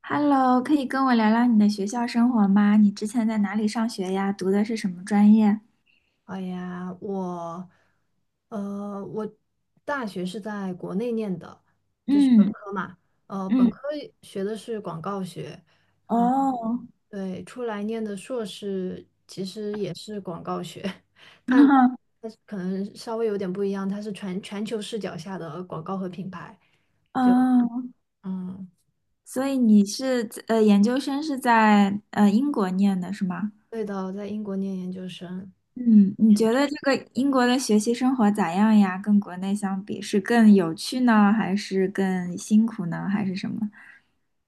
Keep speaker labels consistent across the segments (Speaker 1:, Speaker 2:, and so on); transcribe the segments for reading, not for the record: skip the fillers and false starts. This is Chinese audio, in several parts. Speaker 1: Hello，可以跟我聊聊你的学校生活吗？你之前在哪里上学呀？读的是什么专业？
Speaker 2: 哎呀，我，我大学是在国内念的，就是本
Speaker 1: 嗯
Speaker 2: 科嘛，本
Speaker 1: 嗯，
Speaker 2: 科学的是广告学。
Speaker 1: 哦，
Speaker 2: 对，出来念的硕士其实也是广告学，但 但是可能稍微有点不一样，它是全球视角下的广告和品牌，就
Speaker 1: 哦，
Speaker 2: 嗯，
Speaker 1: 所以你是在研究生是在英国念的是吗？
Speaker 2: 对的，我在英国念研究生。
Speaker 1: 嗯，你觉得这个英国的学习生活咋样呀？跟国内相比，是更有趣呢，还是更辛苦呢，还是什么？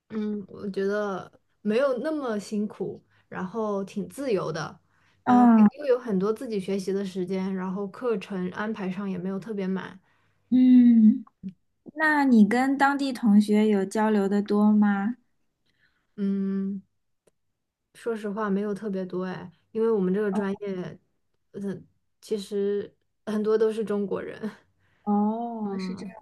Speaker 2: 嗯，我觉得没有那么辛苦，然后挺自由的，嗯，
Speaker 1: 哦，
Speaker 2: 又有很多自己学习的时间，然后课程安排上也没有特别满。
Speaker 1: 嗯，那你跟当地同学有交流的多吗？
Speaker 2: 嗯，说实话没有特别多哎，因为我们这个
Speaker 1: 哦，
Speaker 2: 专业，嗯，其实很多都是中国人，
Speaker 1: 哦是这。
Speaker 2: 嗯，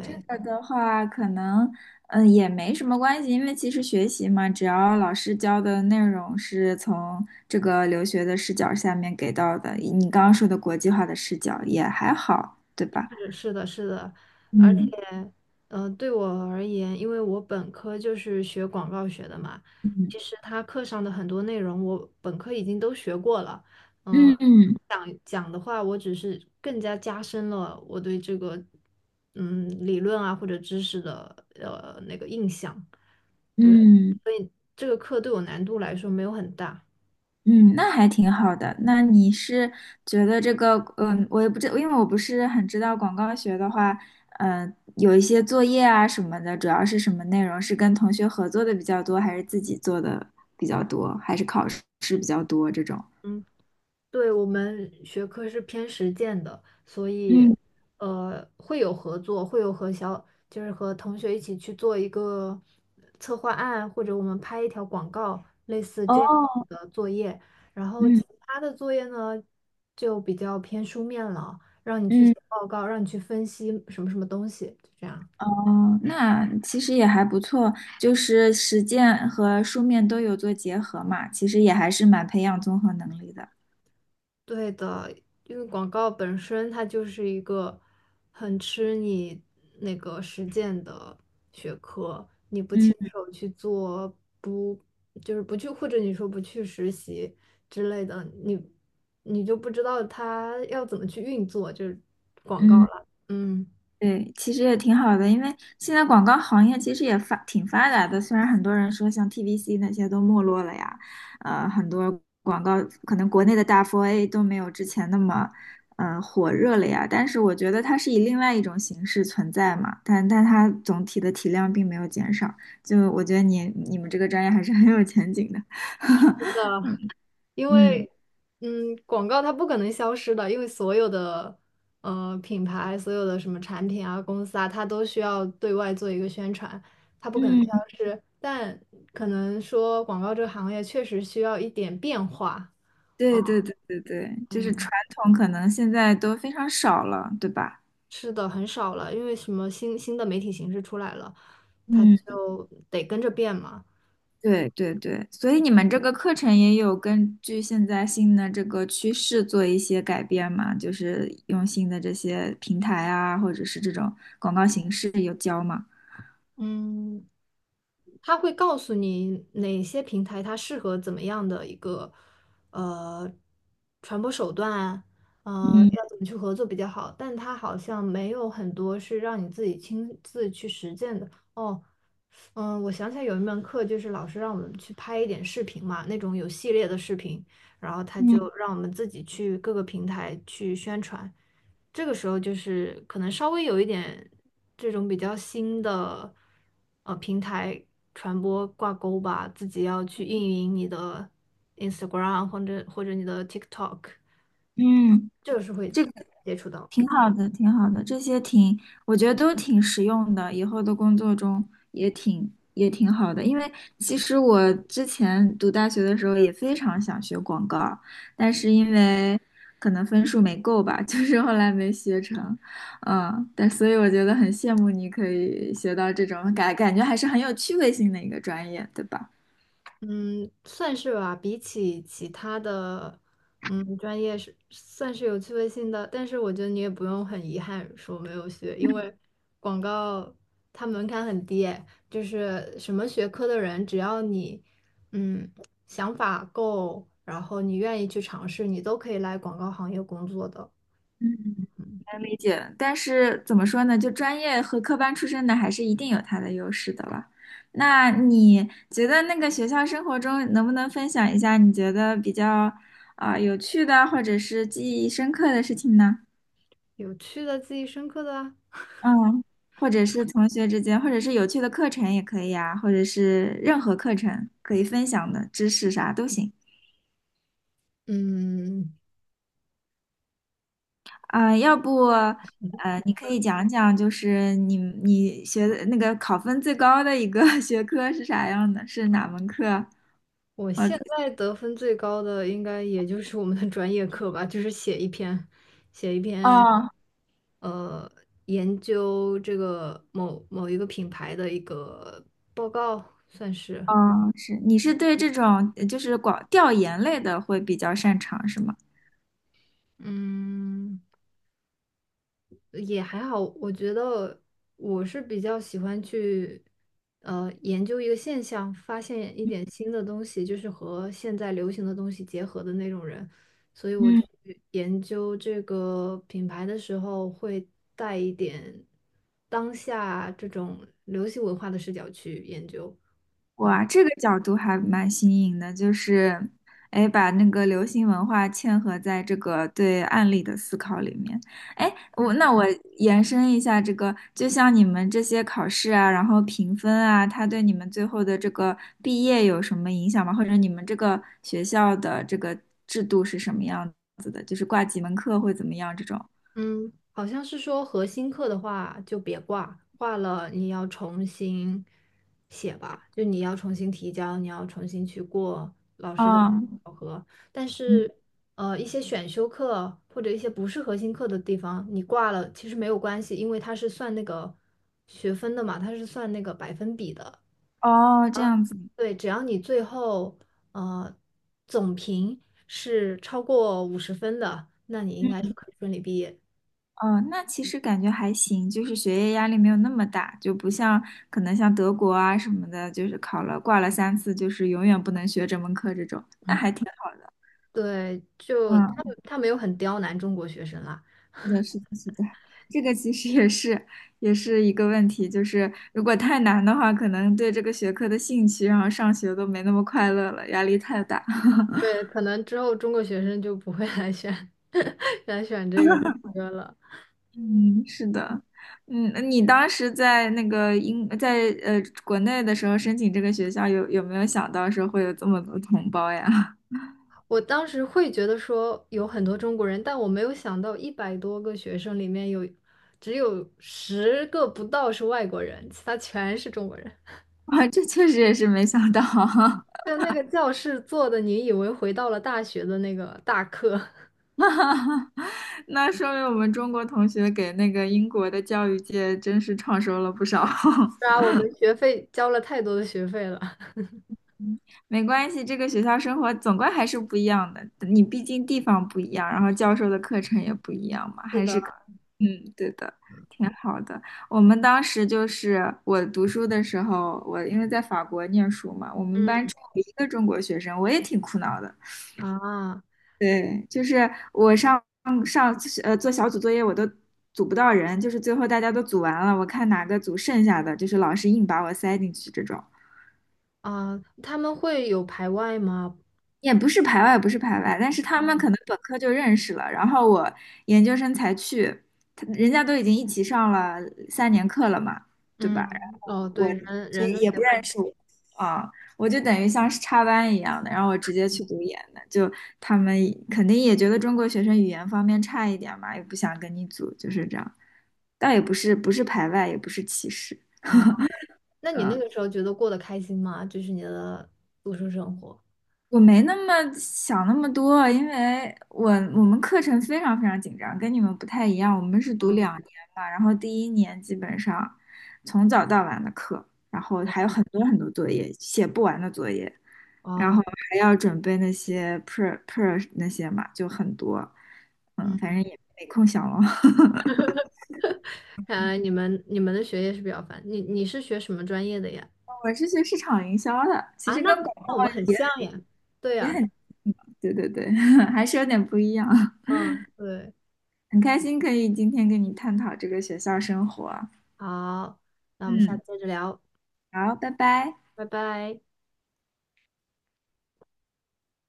Speaker 1: 这个的话，可能也没什么关系，因为其实学习嘛，只要老师教的内容是从这个留学的视角下面给到的，你刚刚说的国际化的视角也还好，对吧？
Speaker 2: 是是的，是的，而且，
Speaker 1: 嗯
Speaker 2: 对我而言，因为我本科就是学广告学的嘛，
Speaker 1: 嗯
Speaker 2: 其实他课上的很多内容，我本科已经都学过了。嗯、
Speaker 1: 嗯
Speaker 2: 讲的话，我只是更加加深了我对这个，嗯，理论啊或者知识的那个印象。对，
Speaker 1: 嗯。
Speaker 2: 所以这个课对我难度来说没有很大。
Speaker 1: 嗯，那还挺好的。那你是觉得这个，嗯，我也不知，因为我不是很知道广告学的话，嗯，有一些作业啊什么的，主要是什么内容？是跟同学合作的比较多，还是自己做的比较多，还是考试比较多这种？
Speaker 2: 嗯。对，我们学科是偏实践的，所以
Speaker 1: 嗯，
Speaker 2: 会有合作，会有和小就是和同学一起去做一个策划案，或者我们拍一条广告，类似这样子
Speaker 1: 哦，
Speaker 2: 的作业。然后其
Speaker 1: 嗯
Speaker 2: 他的作业呢，就比较偏书面了，让你去写
Speaker 1: 嗯，
Speaker 2: 报告，让你去分析什么什么东西，就这样。
Speaker 1: 哦，那其实也还不错，就是实践和书面都有做结合嘛，其实也还是蛮培养综合能力的。
Speaker 2: 对的，因为广告本身它就是一个很吃你那个实践的学科，你不亲
Speaker 1: 嗯
Speaker 2: 手去做，不就是不去，或者你说不去实习之类的，你就不知道它要怎么去运作，就是广告
Speaker 1: 嗯。
Speaker 2: 了。嗯，
Speaker 1: 对，其实也挺好的，因为现在广告行业其实也发挺发达的，虽然很多人说像 TVC 那些都没落了呀，很多广告可能国内的大 4A 都没有之前那么，火热了呀，但是我觉得它是以另外一种形式存在嘛，但它总体的体量并没有减少，就我觉得你们这个专业还是 很有前景的，
Speaker 2: 因
Speaker 1: 嗯。
Speaker 2: 为嗯，广告它不可能消失的，因为所有的品牌、所有的什么产品啊、公司啊，它都需要对外做一个宣传，它不可能
Speaker 1: 嗯，
Speaker 2: 消失。但可能说广告这个行业确实需要一点变化。嗯，
Speaker 1: 对对对对对，就是
Speaker 2: 嗯
Speaker 1: 传统可能现在都非常少了，对吧？
Speaker 2: 是的，很少了，因为什么新的媒体形式出来了，它
Speaker 1: 嗯。
Speaker 2: 就得跟着变嘛。
Speaker 1: 对对对，所以你们这个课程也有根据现在新的这个趋势做一些改变嘛？就是用新的这些平台啊，或者是这种广告形式有教吗？
Speaker 2: 嗯，它会告诉你哪些平台它适合怎么样的一个呃传播手段啊，
Speaker 1: 嗯
Speaker 2: 要怎么去合作比较好。但它好像没有很多是让你自己亲自去实践的。哦，嗯，我想起来有一门课，就是老师让我们去拍一点视频嘛，那种有系列的视频，然后他就
Speaker 1: 嗯
Speaker 2: 让我们自己去各个平台去宣传。这个时候就是可能稍微有一点这种比较新的平台传播挂钩吧，自己要去运营你的 Instagram 或者你的 TikTok，
Speaker 1: 嗯，
Speaker 2: 这个是会
Speaker 1: 这
Speaker 2: 接触到的。
Speaker 1: 挺好的，挺好的，这些挺，我觉得都挺实用的，以后的工作中也挺也挺好的。因为其实我之前读大学的时候也非常想学广告，但是因为可能分数没够吧，就是后来没学成。嗯，但所以我觉得很羡慕你可以学到这种感，感觉还是很有趣味性的一个专业，对吧？
Speaker 2: 嗯，算是吧，比起其他的，嗯，专业是算是有趣味性的，但是我觉得你也不用很遗憾说没有学，因为广告它门槛很低诶，就是什么学科的人，只要你嗯想法够，然后你愿意去尝试，你都可以来广告行业工作的。
Speaker 1: 嗯。能理解，但是怎么说呢？就专业和科班出身的，还是一定有它的优势的了。那你觉得那个学校生活中，能不能分享一下你觉得比较有趣的，或者是记忆深刻的事情呢？
Speaker 2: 有趣的、记忆深刻的啊，
Speaker 1: 嗯，或者是同学之间，或者是有趣的课程也可以啊，或者是任何课程可以分享的知识啥都行。
Speaker 2: 嗯。
Speaker 1: 啊，要不呃，你可以讲讲，就是你学的那个考分最高的一个 学科是啥样的？是哪门课啊？
Speaker 2: 我
Speaker 1: 我
Speaker 2: 现
Speaker 1: 在
Speaker 2: 在得分最高的应该也就是我们的专业课吧，就是写一篇，
Speaker 1: 哦
Speaker 2: 呃，研究这个某某一个品牌的一个报告，算是，
Speaker 1: 哦，是你是对这种就是广调研类的会比较擅长是吗？
Speaker 2: 嗯，也还好，我觉得我是比较喜欢去研究一个现象，发现一点新的东西，就是和现在流行的东西结合的那种人。所以我
Speaker 1: 嗯。
Speaker 2: 去研究这个品牌的时候，会带一点当下这种流行文化的视角去研究。
Speaker 1: 哇，这个角度还蛮新颖的，就是，哎，把那个流行文化嵌合在这个对案例的思考里面。哎，我那我延伸一下这个，就像你们这些考试啊，然后评分啊，它对你们最后的这个毕业有什么影响吗？或者你们这个学校的这个制度是什么样子的？就是挂几门课会怎么样这种？
Speaker 2: 嗯，好像是说核心课的话就别挂，挂了你要重新写吧，就你要重新提交，你要重新去过老师的
Speaker 1: 啊，
Speaker 2: 考核。但
Speaker 1: 嗯
Speaker 2: 是，一些选修课或者一些不是核心课的地方，你挂了其实没有关系，因为它是算那个学分的嘛，它是算那个百分比的。
Speaker 1: 哦，这样子。
Speaker 2: 对，只要你最后呃总评是超过50分的，那你应该是
Speaker 1: 嗯。
Speaker 2: 可以顺利毕业。
Speaker 1: 哦，那其实感觉还行，就是学业压力没有那么大，就不像可能像德国啊什么的，就是考了挂了三次，就是永远不能学这门课这种，那
Speaker 2: 嗯。
Speaker 1: 还挺好。
Speaker 2: 对，就
Speaker 1: 嗯，
Speaker 2: 他没有很刁难中国学生啦。
Speaker 1: 是的，是的，是的，这个其实也是一个问题，就是如果太难的话，可能对这个学科的兴趣，然后上学都没那么快乐了，压力太大。
Speaker 2: 对，可能之后中国学生就不会来选 来选这个科了。
Speaker 1: 嗯，是的，嗯，那你当时在那个英，在国内的时候申请这个学校，有没有想到说会有这么多同胞呀？
Speaker 2: 我当时会觉得说有很多中国人，但我没有想到100多个学生里面有只有10个不到是外国人，其他全是中国人。
Speaker 1: 啊，这确实也是没想到，
Speaker 2: 就那个教室坐的，你以为回到了大学的那个大课，
Speaker 1: 那说明我们中国同学给那个英国的教育界真是创收了不少。
Speaker 2: 是 啊，我们学费交了太多的学费了。
Speaker 1: 嗯没关系，这个学校生活总归还是不一样的，你毕竟地方不一样，然后教授的课程也不一样嘛。
Speaker 2: 是的，
Speaker 1: 嗯，对的，挺好的。我们当时就是我读书的时候，我因为在法国念书嘛，我们班
Speaker 2: 嗯
Speaker 1: 只有一个中国学生，我也挺苦恼的。
Speaker 2: 啊。
Speaker 1: 对，就是我上做小组作业，我都组不到人，就是最后大家都组完了，我看哪个组剩下的，就是老师硬把我塞进去这种。
Speaker 2: 啊，他们会有排外吗？
Speaker 1: 也不是排外，不是排外，但是他们
Speaker 2: 嗯，
Speaker 1: 可能本科就认识了，然后我研究生才去，他人家都已经一起上了三年课了嘛，对吧？然
Speaker 2: 嗯，哦，
Speaker 1: 后我
Speaker 2: 对，人
Speaker 1: 其
Speaker 2: 人
Speaker 1: 实
Speaker 2: 都
Speaker 1: 也
Speaker 2: 喜
Speaker 1: 不认
Speaker 2: 欢
Speaker 1: 识我啊，我就等于像是插班一样的，然后我直接去读研的，就他们肯定也觉得中国学生语言方面差一点嘛，也不想跟你组，就是这样，倒也不是排外，也不是歧视。
Speaker 2: 啊。那你那个时候觉得过得开心吗？就是你的读书生活。
Speaker 1: 我没那么想那么多，因为我们课程非常非常紧张，跟你们不太一样。我们是读
Speaker 2: 嗯，
Speaker 1: 两年嘛，然后第一年基本上从早到晚的课，然后还有很多很多作业，写不完的作业，然
Speaker 2: 哦，
Speaker 1: 后还要准备那些 per 那些嘛，就很多。嗯，反
Speaker 2: 嗯，
Speaker 1: 正也没空想了。
Speaker 2: 看来你们的学业是比较烦。你是学什么专业的呀？
Speaker 1: 我是学市场营销的，其
Speaker 2: 啊，
Speaker 1: 实
Speaker 2: 那
Speaker 1: 跟广告
Speaker 2: 那我们很像呀。对
Speaker 1: 也
Speaker 2: 呀，
Speaker 1: 很，对对对，还是有点不一样。
Speaker 2: 嗯，对，
Speaker 1: 很开心可以今天跟你探讨这个学校生活啊。
Speaker 2: 好，那我们下
Speaker 1: 嗯，
Speaker 2: 次接着聊，
Speaker 1: 好，拜拜。
Speaker 2: 拜拜。